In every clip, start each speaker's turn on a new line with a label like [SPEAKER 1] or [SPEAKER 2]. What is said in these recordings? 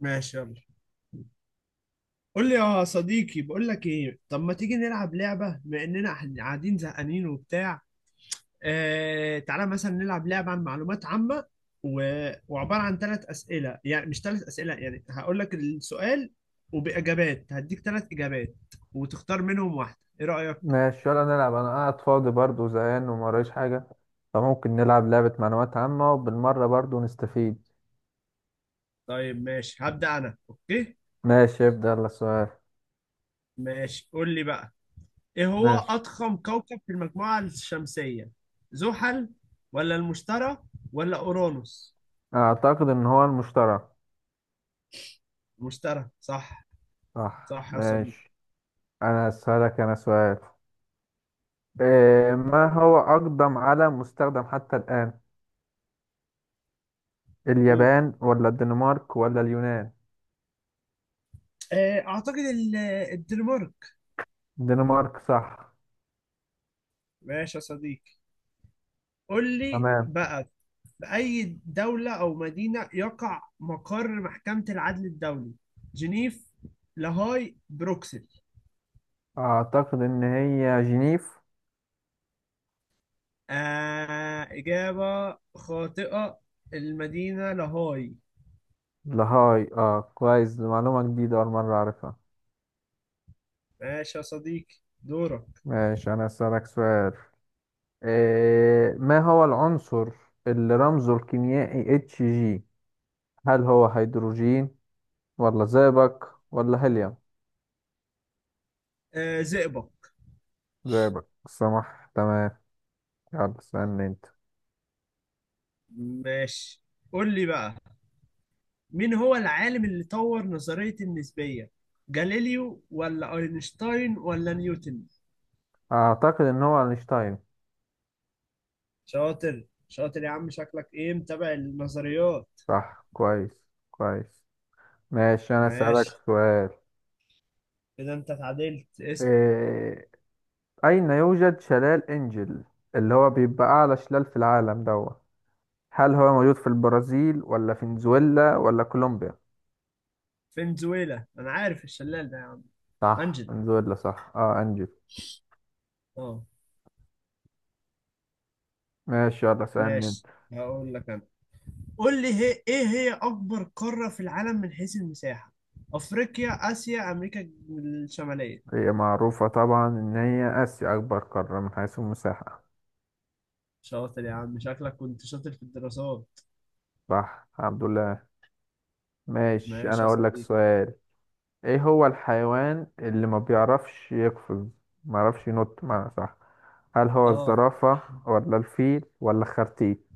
[SPEAKER 1] ماشي، يلا قول لي يا صديقي. بقول لك ايه، طب ما تيجي نلعب لعبة بما اننا إحنا قاعدين زهقانين وبتاع. آه تعالى مثلا نلعب لعبة عن معلومات عامة. و... وعبارة عن ثلاث أسئلة، يعني مش ثلاث أسئلة، يعني هقول لك السؤال وبإجابات هديك ثلاث إجابات وتختار منهم واحدة. ايه رأيك؟
[SPEAKER 2] ماشي، يلا نلعب. انا قاعد فاضي برضه زهقان وما ورايش حاجه، فممكن نلعب لعبه معلومات عامه وبالمره برضه نستفيد.
[SPEAKER 1] طيب ماشي، هبدأ انا. اوكي
[SPEAKER 2] ماشي ابدا، يلا السؤال.
[SPEAKER 1] ماشي، قول لي بقى. ايه هو
[SPEAKER 2] ماشي.
[SPEAKER 1] أضخم كوكب في المجموعة الشمسية؟ زحل ولا المشتري ولا أورانوس؟
[SPEAKER 2] اعتقد ان هو المشترى.
[SPEAKER 1] مشترى، صح.
[SPEAKER 2] صح
[SPEAKER 1] صح يا صديقي.
[SPEAKER 2] ماشي. انا اسالك انا سؤال. إيه ما هو اقدم علم مستخدم حتى الان؟
[SPEAKER 1] و-
[SPEAKER 2] اليابان ولا الدنمارك ولا اليونان؟
[SPEAKER 1] آه، اعتقد ال- الدنمارك.
[SPEAKER 2] الدنمارك صح.
[SPEAKER 1] ماشي يا صديقي، قول لي
[SPEAKER 2] تمام.
[SPEAKER 1] بقى. في اي دولة او مدينة يقع مقر محكمة العدل الدولي؟ جنيف، لاهاي، بروكسل؟
[SPEAKER 2] اعتقد ان هي جنيف.
[SPEAKER 1] آه، إجابة خاطئة، المدينة لاهاي.
[SPEAKER 2] لهاي، اه كويس، دي معلومه جديده اول مره اعرفها.
[SPEAKER 1] ماشي يا صديقي، دورك.
[SPEAKER 2] ماشي أنا أسألك سؤال. إيه ما هو العنصر اللي رمزه الكيميائي اتش جي؟ هل هو هيدروجين ولا زئبق ولا هيليوم؟
[SPEAKER 1] آه، زئبق.
[SPEAKER 2] زئبق، سمح تمام. يلا اسألني أنت.
[SPEAKER 1] ماشي قول لي بقى، مين هو العالم اللي طور نظرية النسبية؟ جاليليو ولا أينشتاين ولا نيوتن؟
[SPEAKER 2] أعتقد إن هو أينشتاين.
[SPEAKER 1] شاطر شاطر يا عم، شكلك إيه متابع النظريات.
[SPEAKER 2] صح، كويس كويس. ماشي أنا أسألك
[SPEAKER 1] ماشي،
[SPEAKER 2] سؤال.
[SPEAKER 1] كده أنت اتعدلت، اسأل.
[SPEAKER 2] إيه أين يوجد شلال إنجل اللي هو بيبقى أعلى شلال في العالم دوت؟ هل هو موجود في البرازيل ولا فنزويلا ولا كولومبيا؟
[SPEAKER 1] فنزويلا، أنا عارف الشلال ده يا عم.
[SPEAKER 2] صح،
[SPEAKER 1] أنجل،
[SPEAKER 2] فنزويلا صح، اه انجو.
[SPEAKER 1] أه.
[SPEAKER 2] ماشي يلا سألني انت.
[SPEAKER 1] ماشي، هقول لك أنا. قول لي هي، إيه هي أكبر قارة في العالم من حيث المساحة؟ أفريقيا، آسيا، أمريكا الشمالية؟
[SPEAKER 2] هي معروفة طبعا ان هي اسيا، اكبر قارة من حيث المساحة.
[SPEAKER 1] شاطر يا عم، شكلك كنت شاطر في الدراسات.
[SPEAKER 2] صح، الحمد لله. ماشي انا
[SPEAKER 1] ماشي يا
[SPEAKER 2] اقول لك
[SPEAKER 1] صديقي.
[SPEAKER 2] سؤال. ايه هو الحيوان اللي ما بيعرفش يقفز، ما يعرفش ينط، معنى صح؟ هل هو
[SPEAKER 1] اه،
[SPEAKER 2] الزرافة ولا الفيل ولا الخرتيت؟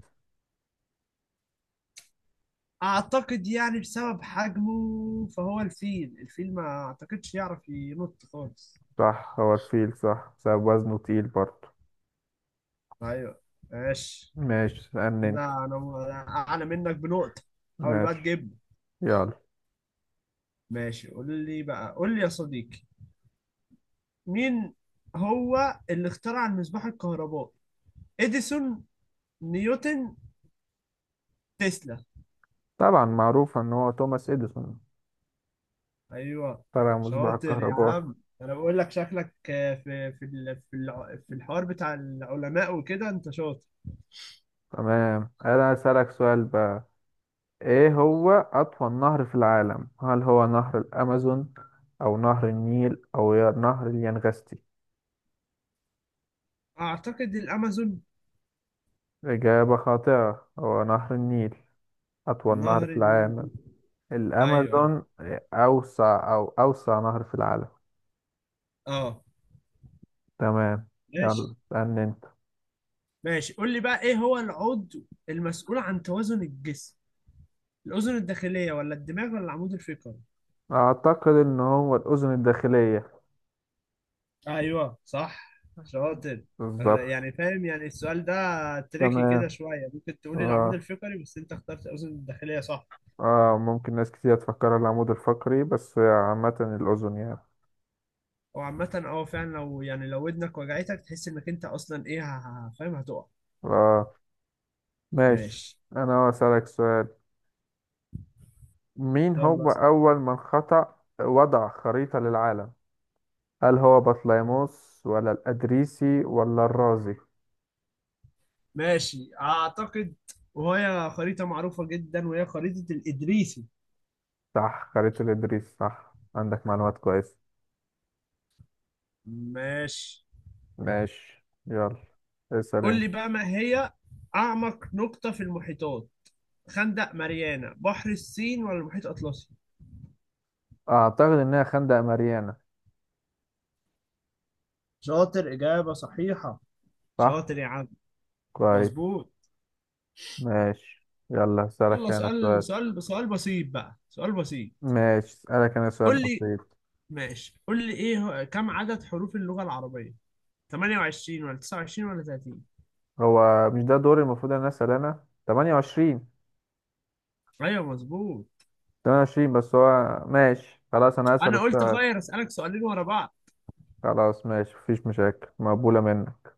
[SPEAKER 1] اعتقد يعني بسبب حجمه فهو الفيل، الفيل ما اعتقدش يعرف ينط خالص.
[SPEAKER 2] صح، هو الفيل صح، بسبب وزنه تقيل برضه.
[SPEAKER 1] ايوه، ماشي.
[SPEAKER 2] ماشي سألني
[SPEAKER 1] كده
[SPEAKER 2] انت.
[SPEAKER 1] انا اعلى منك بنقطة، حاول بقى
[SPEAKER 2] ماشي
[SPEAKER 1] تجيبه.
[SPEAKER 2] يلا.
[SPEAKER 1] ماشي قول لي بقى، قول لي يا صديقي، مين هو اللي اخترع المصباح الكهربائي؟ اديسون، نيوتن، تسلا؟
[SPEAKER 2] طبعا معروف ان هو توماس اديسون،
[SPEAKER 1] ايوه،
[SPEAKER 2] طلع مصباح
[SPEAKER 1] شاطر يا
[SPEAKER 2] الكهرباء.
[SPEAKER 1] عم. انا بقول لك شكلك آه، في الحوار بتاع العلماء وكده انت شاطر.
[SPEAKER 2] تمام، انا اسالك سؤال بقى. ايه هو اطول نهر في العالم؟ هل هو نهر الامازون او نهر النيل او نهر اليانغستي؟
[SPEAKER 1] اعتقد الامازون.
[SPEAKER 2] اجابه خاطئه، هو نهر النيل اطول نهر
[SPEAKER 1] نهر
[SPEAKER 2] في
[SPEAKER 1] النيل؟
[SPEAKER 2] العالم.
[SPEAKER 1] ايوه ايوه.
[SPEAKER 2] الامازون اوسع، او اوسع نهر في العالم.
[SPEAKER 1] اه.
[SPEAKER 2] تمام. يلا
[SPEAKER 1] ماشي.
[SPEAKER 2] اسالني انت.
[SPEAKER 1] ماشي قول لي بقى، ايه هو العضو المسؤول عن توازن الجسم؟ الاذن الداخليه ولا الدماغ ولا العمود الفقري؟
[SPEAKER 2] اعتقد ان هو الاذن الداخليه.
[SPEAKER 1] ايوه صح، شاطر.
[SPEAKER 2] بالظبط.
[SPEAKER 1] يعني فاهم يعني السؤال ده تريكي
[SPEAKER 2] تمام.
[SPEAKER 1] كده شويه، ممكن تقولي العمود
[SPEAKER 2] اه.
[SPEAKER 1] الفقري، بس انت اخترت الاذن الداخليه، صح.
[SPEAKER 2] اه، ممكن ناس كتير تفكر العمود الفقري، بس عامه الاذن يعني.
[SPEAKER 1] هو عامه اه فعلا، لو يعني لو ودنك وجعتك تحس انك انت اصلا ايه فاهم، هتقع.
[SPEAKER 2] اه. ماشي
[SPEAKER 1] ماشي،
[SPEAKER 2] أنا أسألك سؤال. مين
[SPEAKER 1] يلا.
[SPEAKER 2] هو أول من خطأ وضع خريطة للعالم؟ هل هو بطليموس ولا الإدريسي ولا الرازي؟
[SPEAKER 1] ماشي اعتقد، وهي خريطة معروفة جدا، وهي خريطة الإدريسي.
[SPEAKER 2] صح، خريطة الإدريس صح، عندك معلومات كويسة.
[SPEAKER 1] ماشي
[SPEAKER 2] ماشي يلا اسأل
[SPEAKER 1] قول
[SPEAKER 2] أنت.
[SPEAKER 1] لي بقى، ما هي أعمق نقطة في المحيطات؟ خندق ماريانا، بحر الصين، ولا المحيط الأطلسي؟
[SPEAKER 2] أعتقد إنها خندق ماريانا.
[SPEAKER 1] شاطر، إجابة صحيحة.
[SPEAKER 2] صح؟
[SPEAKER 1] شاطر يا عم.
[SPEAKER 2] كويس.
[SPEAKER 1] مظبوط.
[SPEAKER 2] ماشي يلا أسألك
[SPEAKER 1] يلا
[SPEAKER 2] أنا
[SPEAKER 1] سؤال
[SPEAKER 2] سؤال.
[SPEAKER 1] سؤال سؤال بسيط بقى، سؤال بسيط.
[SPEAKER 2] ماشي أسألك أنا سؤال
[SPEAKER 1] قول لي.
[SPEAKER 2] بسيط.
[SPEAKER 1] ماشي قول لي، كم عدد حروف اللغة العربية؟ 28 ولا 29 ولا 30؟
[SPEAKER 2] هو مش ده دوري المفروض إن أنا أسأل أنا؟ 28.
[SPEAKER 1] ايوه مظبوط.
[SPEAKER 2] 28 بس. هو ماشي خلاص، أنا أسأل
[SPEAKER 1] انا قلت
[SPEAKER 2] السؤال.
[SPEAKER 1] غير اسالك سؤالين ورا بعض.
[SPEAKER 2] خلاص ماشي، مفيش مشاكل، مقبولة منك.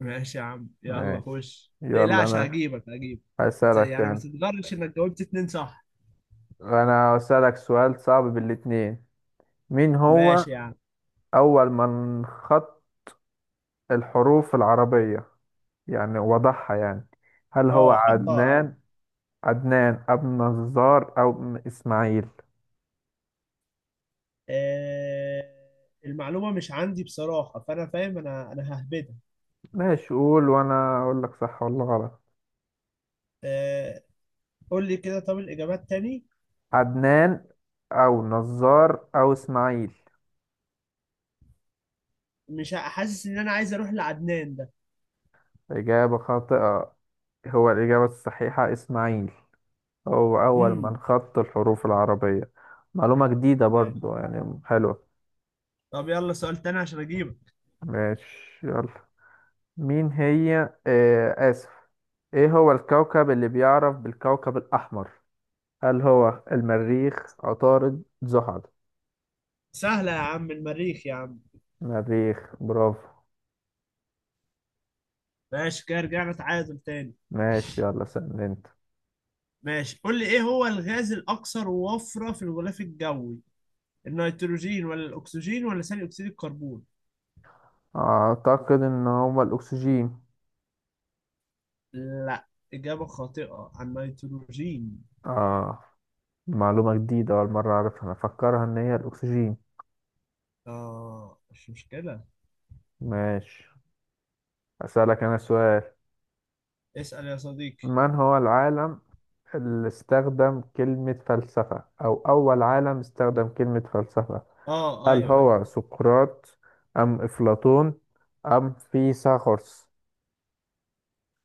[SPEAKER 1] ماشي يا عم، يلا
[SPEAKER 2] ماشي
[SPEAKER 1] خش،
[SPEAKER 2] يلا.
[SPEAKER 1] تقلقش،
[SPEAKER 2] أنا
[SPEAKER 1] هجيبك هجيبك. بس
[SPEAKER 2] هسألك
[SPEAKER 1] يعني ما
[SPEAKER 2] يعني،
[SPEAKER 1] تتغرش انك جاوبت اتنين صح.
[SPEAKER 2] أنا هسألك سؤال صعب بالاتنين. مين هو
[SPEAKER 1] ماشي يا عم.
[SPEAKER 2] أول من خط الحروف العربية، يعني وضحها يعني؟ هل هو
[SPEAKER 1] اه حطها، ايوه.
[SPEAKER 2] عدنان، عدنان أبو النجار، أو إسماعيل؟
[SPEAKER 1] آه، المعلومة مش عندي بصراحة، فأنا فاهم، أنا ههبدها.
[SPEAKER 2] ماشي قول وأنا أقول لك صح ولا غلط.
[SPEAKER 1] آه قول لي كده، طب الإجابات تاني.
[SPEAKER 2] عدنان أو نزار أو إسماعيل.
[SPEAKER 1] مش حاسس إن أنا عايز أروح لعدنان ده.
[SPEAKER 2] إجابة خاطئة، هو الإجابة الصحيحة إسماعيل، هو أول
[SPEAKER 1] امم
[SPEAKER 2] من خط الحروف العربية. معلومة جديدة
[SPEAKER 1] ماشي.
[SPEAKER 2] برضو يعني، حلوة.
[SPEAKER 1] طب يلا سؤال تاني عشان أجيبك.
[SPEAKER 2] ماشي يلا. مين هي آه آسف. إيه هو الكوكب اللي بيعرف بالكوكب الأحمر؟ هل هو المريخ، عطارد، زحل؟
[SPEAKER 1] سهلة يا عم، المريخ يا عم.
[SPEAKER 2] مريخ، برافو.
[SPEAKER 1] ماشي، كده رجعنا تعادل تاني.
[SPEAKER 2] ماشي يلا سأل أنت.
[SPEAKER 1] ماشي قول لي، إيه هو الغاز الأكثر وفرة في الغلاف الجوي؟ النيتروجين ولا الأكسجين ولا ثاني أكسيد الكربون؟
[SPEAKER 2] أعتقد إن هو الأكسجين.
[SPEAKER 1] لا، إجابة خاطئة، عن النيتروجين.
[SPEAKER 2] آه، معلومة جديدة أول مرة أعرفها، أنا أفكرها إن هي الأكسجين.
[SPEAKER 1] آه مش مشكلة.
[SPEAKER 2] ماشي أسألك أنا سؤال.
[SPEAKER 1] اسأل يا صديقي.
[SPEAKER 2] من هو العالم اللي استخدم كلمة فلسفة، أو أول عالم استخدم كلمة فلسفة؟
[SPEAKER 1] آه
[SPEAKER 2] هل
[SPEAKER 1] أيوه أيوه.
[SPEAKER 2] هو سقراط أم أفلاطون أم فيثاغورس؟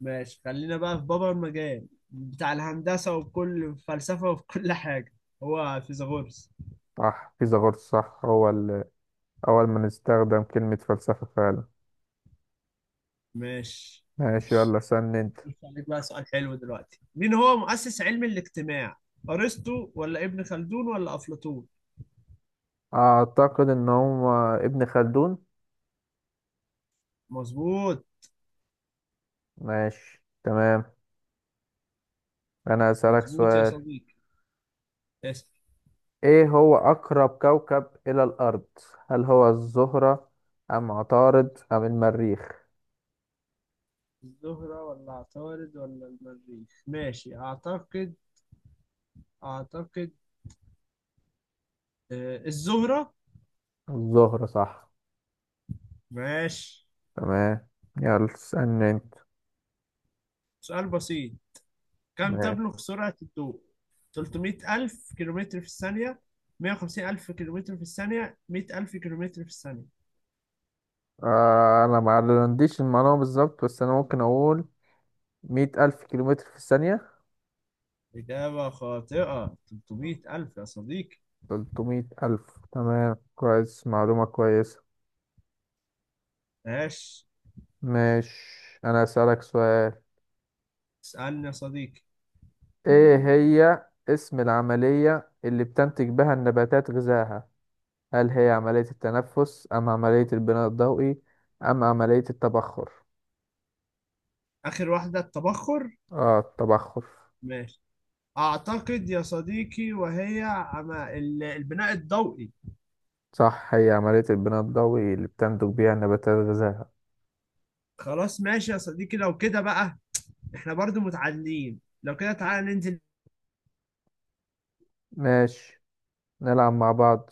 [SPEAKER 1] ماشي، خلينا بقى في بابا المجال بتاع الهندسة وكل فلسفة وفي كل حاجة. هو فيثاغورس.
[SPEAKER 2] صح، فيثاغورس صح، هو اللي أول من استخدم كلمة فلسفة فعلا.
[SPEAKER 1] ماشي،
[SPEAKER 2] ماشي يلا سن أنت.
[SPEAKER 1] عليك بقى سؤال حلو دلوقتي. مين هو مؤسس علم الاجتماع؟ أرسطو ولا ابن خلدون ولا أفلاطون؟
[SPEAKER 2] أعتقد إن هو ابن خلدون.
[SPEAKER 1] مظبوط.
[SPEAKER 2] ماشي تمام. أنا هسألك
[SPEAKER 1] مظبوط يا
[SPEAKER 2] سؤال.
[SPEAKER 1] صديقي، اسأل.
[SPEAKER 2] ايه هو اقرب كوكب الى الارض؟ هل هو الزهرة ام عطارد ام المريخ؟
[SPEAKER 1] الزهرة ولا عطارد ولا المريخ؟ ماشي أعتقد، أعتقد آه، الزهرة.
[SPEAKER 2] الزهرة صح.
[SPEAKER 1] ماشي،
[SPEAKER 2] تمام. يلا اسألني انت.
[SPEAKER 1] سؤال بسيط، كم
[SPEAKER 2] ماشي.
[SPEAKER 1] تبلغ سرعة الضوء؟ 300 ألف كيلومتر في الثانية، 150 ألف كيلومتر في الثانية، 100 ألف كيلومتر في الثانية؟
[SPEAKER 2] آه انا ما عنديش المعلومة بالظبط، بس انا ممكن اقول 100 ألف كيلومتر في الثانية.
[SPEAKER 1] إجابة خاطئة، 300 ألف يا صديقي.
[SPEAKER 2] 300 ألف، تمام كويس، معلومة كويسة.
[SPEAKER 1] ماشي،
[SPEAKER 2] ماشي انا اسألك سؤال.
[SPEAKER 1] اسألني يا صديقي.
[SPEAKER 2] ايه هي اسم العملية اللي بتنتج بها النباتات غذائها؟ هل هي عملية التنفس أم عملية البناء الضوئي أم عملية التبخر؟
[SPEAKER 1] آخر واحدة، التبخر.
[SPEAKER 2] اه التبخر.
[SPEAKER 1] ماشي أعتقد يا صديقي، البناء الضوئي.
[SPEAKER 2] صح، هي عملية البناء الضوئي اللي بتنتج بيها النباتات غذائها.
[SPEAKER 1] خلاص ماشي يا صديقي، لو كده بقى احنا برضو متعادلين، لو كده تعالى ننزل.
[SPEAKER 2] ماشي، نلعب مع بعض.